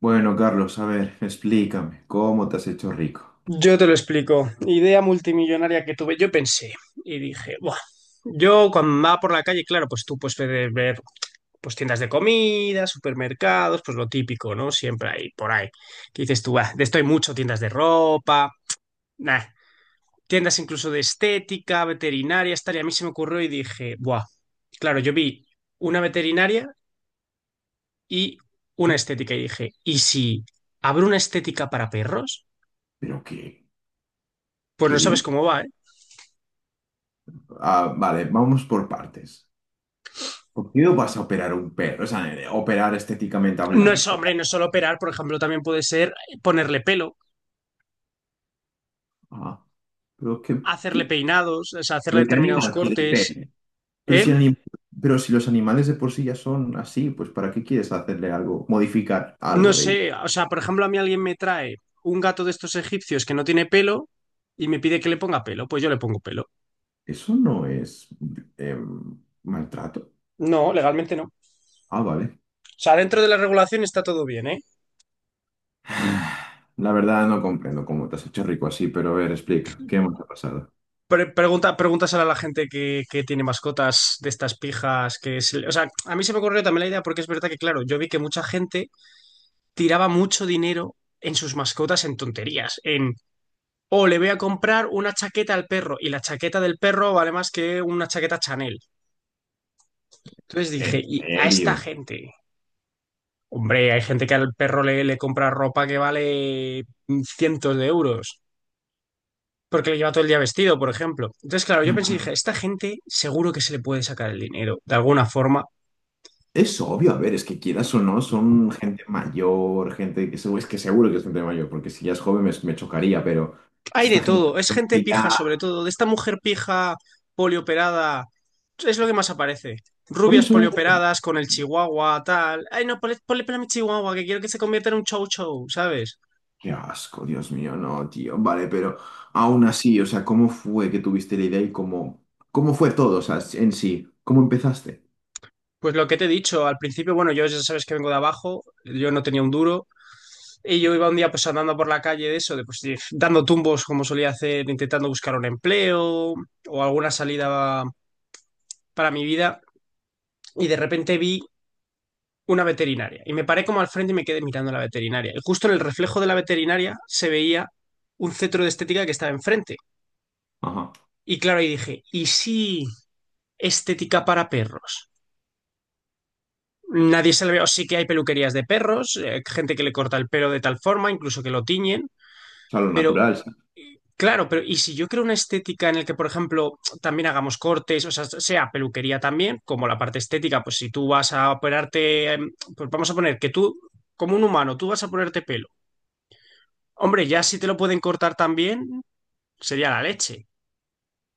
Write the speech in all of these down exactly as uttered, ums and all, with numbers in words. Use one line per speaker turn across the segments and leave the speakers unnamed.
Bueno, Carlos, a ver, explícame, ¿cómo te has hecho rico?
Yo te lo explico. Idea multimillonaria que tuve. Yo pensé y dije, buah. Yo cuando va por la calle, claro, pues tú pues, puedes ver, ver, pues tiendas de comida, supermercados, pues lo típico, ¿no? Siempre hay por ahí. Que dices tú, ah, de esto hay mucho, tiendas de ropa, nah, tiendas incluso de estética, veterinaria, tal. Y a mí se me ocurrió y dije, buah. Claro, yo vi una veterinaria y una estética y dije, ¿y si abro una estética para perros?
¿Pero qué?
Pues no sabes
¿Qué?
cómo va, ¿eh?
Ah, vale, vamos por partes. ¿Por qué no vas a operar un perro? O sea, eh, operar estéticamente
No es
hablando.
hombre, no es solo operar, por ejemplo, también puede ser ponerle pelo,
Ah, pero qué,
hacerle
qué-
peinados, o sea, hacerle
¿pero qué
determinados
animal quiere
cortes.
pene? Pero
¿Eh?
si, anim- pero si los animales de por sí ya son así, pues ¿para qué quieres hacerle algo, modificar
No
algo de ello?
sé, o sea, por ejemplo, a mí alguien me trae un gato de estos egipcios que no tiene pelo y me pide que le ponga pelo, pues yo le pongo pelo.
Eso no es em, maltrato.
No, legalmente no. O
Ah, vale.
sea, dentro de la regulación está todo bien, ¿eh?
La verdad no comprendo cómo te has hecho rico así, pero a ver, explica, ¿qué más ha pasado?
Pre- pregunta, pregúntaselo a la gente que, que tiene mascotas de estas pijas que se le... O sea, a mí se me ocurrió también la idea porque es verdad que, claro, yo vi que mucha gente tiraba mucho dinero en sus mascotas en tonterías, en... O le voy a comprar una chaqueta al perro y la chaqueta del perro vale más que una chaqueta Chanel. Entonces dije,
¿En
y a esta
serio?
gente, hombre, hay gente que al perro le, le compra ropa que vale mm, cientos de euros porque le lleva todo el día vestido, por ejemplo. Entonces, claro, yo pensé, dije, esta gente seguro que se le puede sacar el dinero de alguna forma.
Es obvio, a ver, es que quieras o no, son gente mayor, gente que seguro, es que seguro que es gente mayor, porque si ya es joven me, me chocaría, pero es
Hay de
esta gente
todo, es gente
que
pija sobre
ya...
todo, de esta mujer pija polioperada, es lo que más aparece.
Por
Rubias
eso...
polioperadas con el chihuahua, tal. Ay, no, ponle, ponle pelo a mi chihuahua, que quiero que se convierta en un chow chow, ¿sabes?
Qué asco, Dios mío, no, tío. Vale, pero aún así, o sea, ¿cómo fue que tuviste la idea y cómo, cómo fue todo, o sea, en sí? ¿Cómo empezaste?
Pues lo que te he dicho, al principio, bueno, yo ya sabes que vengo de abajo, yo no tenía un duro, y yo iba un día pues andando por la calle de eso, de, pues de- dando tumbos como solía hacer, intentando buscar un empleo o alguna salida para mi vida, y de repente vi una veterinaria. Y me paré como al frente y me quedé mirando a la veterinaria. Y justo en el reflejo de la veterinaria se veía un centro de estética que estaba enfrente.
Ajá. O
Y claro, ahí dije, ¿y si estética para perros? Nadie se le ve, o sí que hay peluquerías de perros, eh, gente que le corta el pelo de tal forma, incluso que lo tiñen,
sea, lo
pero
natural.
eh, claro, pero ¿y si yo creo una estética en la que, por ejemplo, también hagamos cortes, o sea, sea peluquería también, como la parte estética, pues si tú vas a operarte, eh, pues vamos a poner que tú, como un humano, tú vas a ponerte pelo. Hombre, ya si te lo pueden cortar también, sería la leche.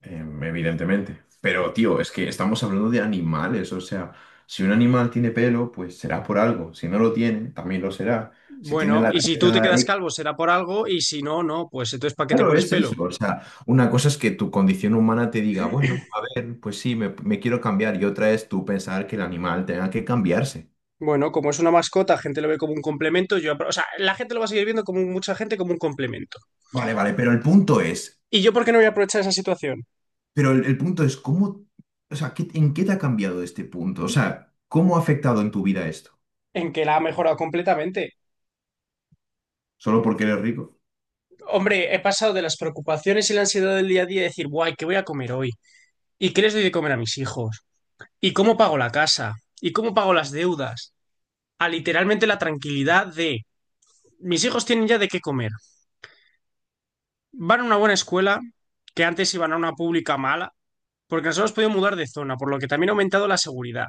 Em, evidentemente. Pero, tío, es que estamos hablando de animales, o sea, si un animal tiene pelo, pues será por algo. Si no lo tiene, también lo será. Si tiene
Bueno,
la
y si tú te
cabeza...
quedas
eh,
calvo será por algo, y si no, no, pues entonces ¿para qué te
claro,
pones
es
pelo?
eso. O sea, una cosa es que tu condición humana te diga, bueno, a ver, pues sí, me, me quiero cambiar. Y otra es tú pensar que el animal tenga que cambiarse.
Bueno, como es una mascota, la gente lo ve como un complemento, yo, apro- o sea, la gente lo va a seguir viendo como un... mucha gente como un complemento.
Vale, vale, pero el punto es,
¿Y yo por qué no voy a aprovechar esa situación?
pero el, el punto es, ¿cómo, o sea, ¿qué- en qué te ha cambiado este punto? O sea, ¿cómo ha afectado en tu vida esto?
En que la ha mejorado completamente.
¿Solo porque eres rico?
Hombre, he pasado de las preocupaciones y la ansiedad del día a día de decir, guay, ¿qué voy a comer hoy? ¿Y qué les doy de comer a mis hijos? ¿Y cómo pago la casa? ¿Y cómo pago las deudas? A literalmente la tranquilidad de mis hijos tienen ya de qué comer. Van a una buena escuela, que antes iban a una pública mala, porque nos hemos podido mudar de zona, por lo que también ha aumentado la seguridad.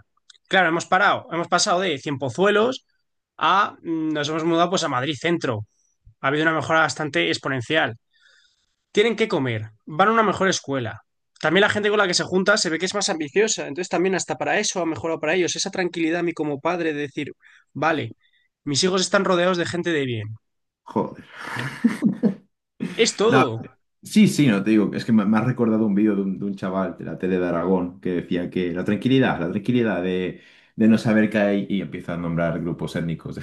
Claro, hemos parado, hemos pasado de Cien Pozuelos a... mm, nos hemos mudado pues a Madrid Centro. Ha habido una mejora bastante exponencial. Tienen que comer, van a una mejor escuela. También la gente con la que se junta se ve que es más ambiciosa, entonces también hasta para eso ha mejorado para ellos. Esa tranquilidad a mí como padre de decir, vale, mis hijos están rodeados de gente de bien.
Joder.
Es
No,
todo.
sí, sí, no te digo, es que me, me has recordado un vídeo de un, de un chaval de la tele de Aragón que decía que la tranquilidad, la tranquilidad de, de no saber qué hay y empieza a nombrar grupos étnicos de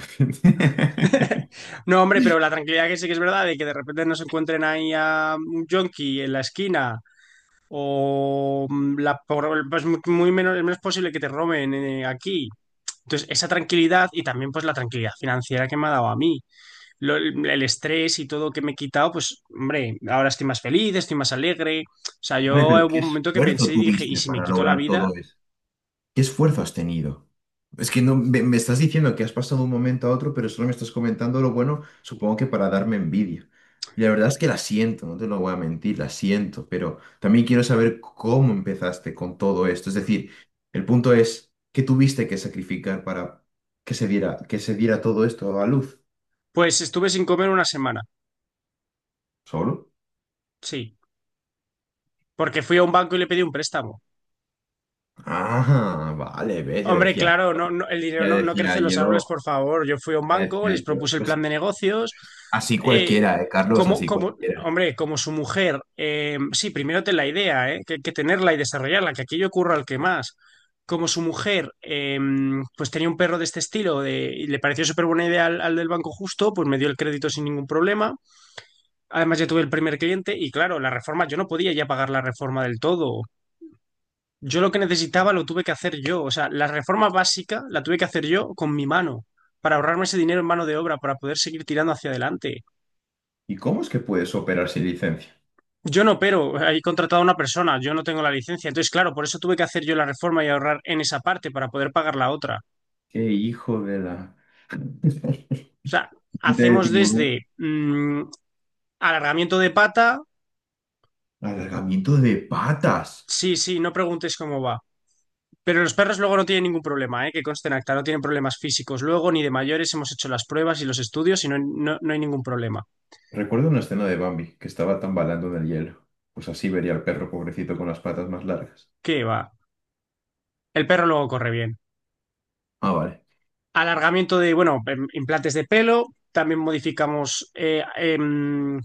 gente.
No, hombre, pero la tranquilidad que sí que es verdad de que de repente no se encuentren ahí a un yonki en la esquina o... mm, la, por- pues muy muy menos, es menos posible que te roben eh, aquí. Entonces, esa tranquilidad y también pues la tranquilidad financiera que me ha dado a mí, Lo- el, el estrés y todo que me he quitado, pues hombre, ahora estoy más feliz, estoy más alegre. O sea,
Hombre,
yo
pero
hubo
qué
un momento que
esfuerzo
pensé y dije, ¿y
tuviste
si me
para
quito la
lograr
vida?
todo eso. ¿Qué esfuerzo has tenido? Es que no me, me estás diciendo que has pasado de un momento a otro, pero solo me estás comentando lo bueno, supongo que para darme envidia. Y la verdad es que la siento, no te lo voy a mentir, la siento, pero también quiero saber cómo empezaste con todo esto. Es decir, el punto es, ¿qué tuviste que sacrificar para que se diera, que se diera todo esto a luz?
Pues estuve sin comer una semana,
¿Solo?
sí, porque fui a un banco y le pedí un préstamo.
Ah, vale, ves, ya
Hombre,
decía,
claro, no, no- el dinero
ya
no, no crece
decía
en los árboles,
yo,
por favor. Yo fui a un
ya
banco,
decía
les
yo.
propuse el
Pues
plan de negocios.
así
eh,
cualquiera, eh, Carlos,
como,
así
como,
cualquiera.
hombre, como su mujer, eh, sí, primero ten la idea, eh, que que tenerla y desarrollarla, que aquello ocurra al que más. Como su mujer, eh, pues tenía un perro de este estilo de- y le pareció súper buena idea al, al del banco justo, pues me dio el crédito sin ningún problema. Además, ya tuve el primer cliente y claro, la reforma, yo no podía ya pagar la reforma del todo. Yo lo que necesitaba lo tuve que hacer yo. O sea, la reforma básica la tuve que hacer yo con mi mano, para ahorrarme ese dinero en mano de obra, para poder seguir tirando hacia adelante.
¿Y cómo es que puedes operar sin licencia?
Yo no, pero he contratado a una persona, yo no tengo la licencia. Entonces, claro, por eso tuve que hacer yo la reforma y ahorrar en esa parte para poder pagar la otra. O
¡Qué hijo de la...
sea,
de
hacemos
tiburón!
desde mm, alargamiento de pata,
Alargamiento de patas.
sí, sí, no preguntes cómo va. Pero los perros luego no tienen ningún problema, ¿eh? Que conste en acta, no tienen problemas físicos. Luego, ni de mayores, hemos hecho las pruebas y los estudios y no, no no hay ningún problema.
Recuerdo una escena de Bambi que estaba tambalando en el hielo. Pues así vería al perro pobrecito con las patas más largas.
¿Qué va? El perro luego corre bien.
Ah, vale.
Alargamiento de, bueno, em- implantes de pelo. También modificamos, eh, em,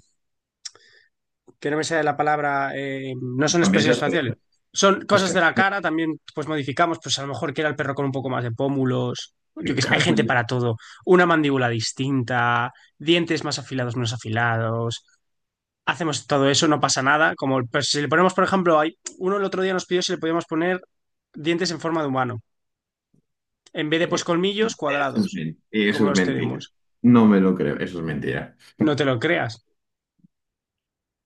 que no me sale la palabra, em, no
Le
son
cambiáis
expresiones
las
faciales.
orejas.
Son
Les
cosas de
cambiáis
la
las-
cara, también pues modificamos, pues a lo mejor quiera el perro con un poco más de pómulos. Yo
Me
qué sé, hay
cago
gente
en la-
para todo. Una mandíbula distinta, dientes más afilados, menos afilados. Hacemos todo eso, no pasa nada. Como el- pues, si le ponemos, por ejemplo, hay, uno el otro día nos pidió si le podíamos poner dientes en forma de humano, en vez de pues
Eh,
colmillos
Eso es
cuadrados,
men-
como
eso es
los
mentira.
tenemos.
No me lo creo. Eso es mentira.
No te lo creas.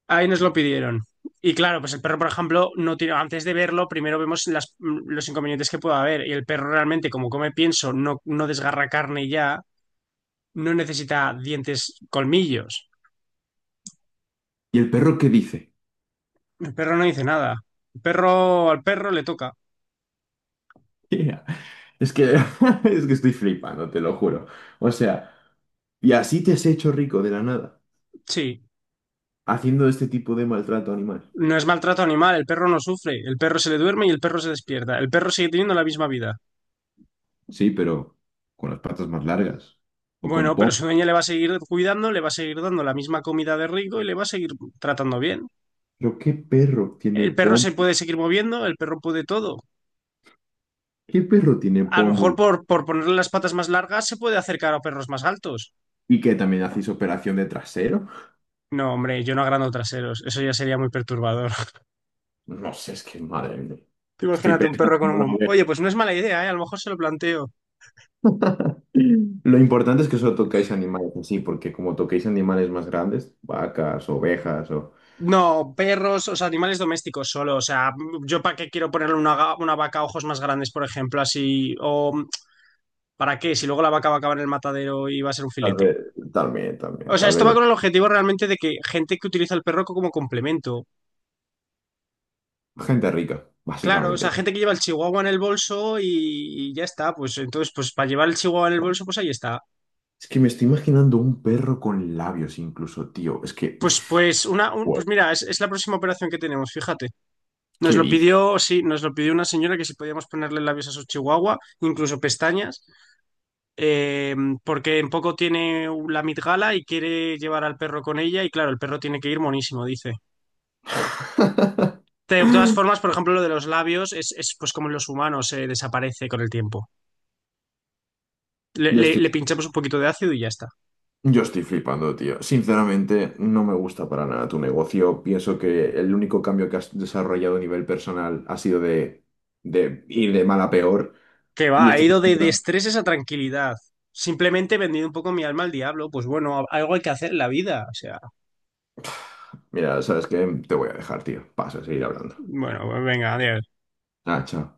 Ahí nos lo pidieron. Y claro, pues el perro, por ejemplo, no tiene, antes de verlo, primero vemos las- los inconvenientes que pueda haber. Y el perro realmente, como come pienso, no, no desgarra carne ya, no necesita dientes, colmillos.
¿Y el perro qué dice?
El perro no dice nada. El perro, al perro le toca.
Yeah. Es que, es que estoy flipando, te lo juro. O sea, y así te has hecho rico de la nada,
Sí.
haciendo este tipo de maltrato animal.
No es maltrato animal, el perro no sufre. El perro se le duerme y el perro se despierta. El perro sigue teniendo la misma vida.
Sí, pero con las patas más largas o con
Bueno,
pom.
pero su dueña le va a seguir cuidando, le va a seguir dando la misma comida de rico y le va a seguir tratando bien.
Pero ¿qué perro tiene
El perro
pom?
se puede seguir moviendo, el perro puede todo.
¿Qué perro tiene
A lo mejor
pómulo?
por, por ponerle las patas más largas se puede acercar a perros más altos.
¿Y que también hacéis operación de trasero?
No, hombre, yo no agrando traseros, eso ya sería muy perturbador.
No sé, es que madre mía.
Tú
Estoy
imagínate un perro
pensando
con
en
un...
una
buen... Oye,
oveja.
pues no es mala idea, ¿eh? A lo mejor se lo planteo.
Lo importante es que solo tocáis animales así, porque como toquéis animales más grandes, vacas, ovejas, o
No, perros, o sea, animales domésticos solo. O sea, yo para qué quiero ponerle una, ga- una vaca a ojos más grandes, por ejemplo, así. O ¿para qué? Si luego la vaca va a acabar en el matadero y va a ser un
tal
filete.
vez, también,
O
también,
sea,
tal
esto
vez
va con el objetivo realmente de que gente que utiliza el perro como complemento.
gente rica,
Claro, o sea,
básicamente.
gente que lleva el chihuahua en el bolso y, y ya está. Pues entonces, pues para llevar el chihuahua en el bolso, pues ahí está.
Es que me estoy imaginando un perro con labios incluso, tío. Es que,
Pues, pues, una, un- pues
bueno,
mira, es, es la próxima operación que tenemos, fíjate. Nos
¿qué
lo
dices?
pidió, sí, nos lo pidió una señora que si podíamos ponerle labios a su chihuahua, incluso pestañas, eh, porque en poco tiene la mitgala y quiere llevar al perro con ella y claro, el perro tiene que ir monísimo, dice. De todas formas, por ejemplo, lo de los labios es, es, pues como en los humanos, eh, desaparece con el tiempo. Le,
Yo
le-
estoy,
le pinchamos un poquito de ácido y ya está.
yo estoy flipando, tío. Sinceramente, no me gusta para nada tu negocio. Pienso que el único cambio que has desarrollado a nivel personal ha sido de, de ir de mal a peor.
Que va,
Y
he
estás
ido de, de
haciendo-
estreses a tranquilidad. Simplemente he vendido un poco mi alma al diablo. Pues bueno, algo hay que hacer en la vida. O sea,
Mira, ¿sabes qué? Te voy a dejar, tío. Pasa a seguir hablando.
bueno, pues venga, adiós.
Ah, chao.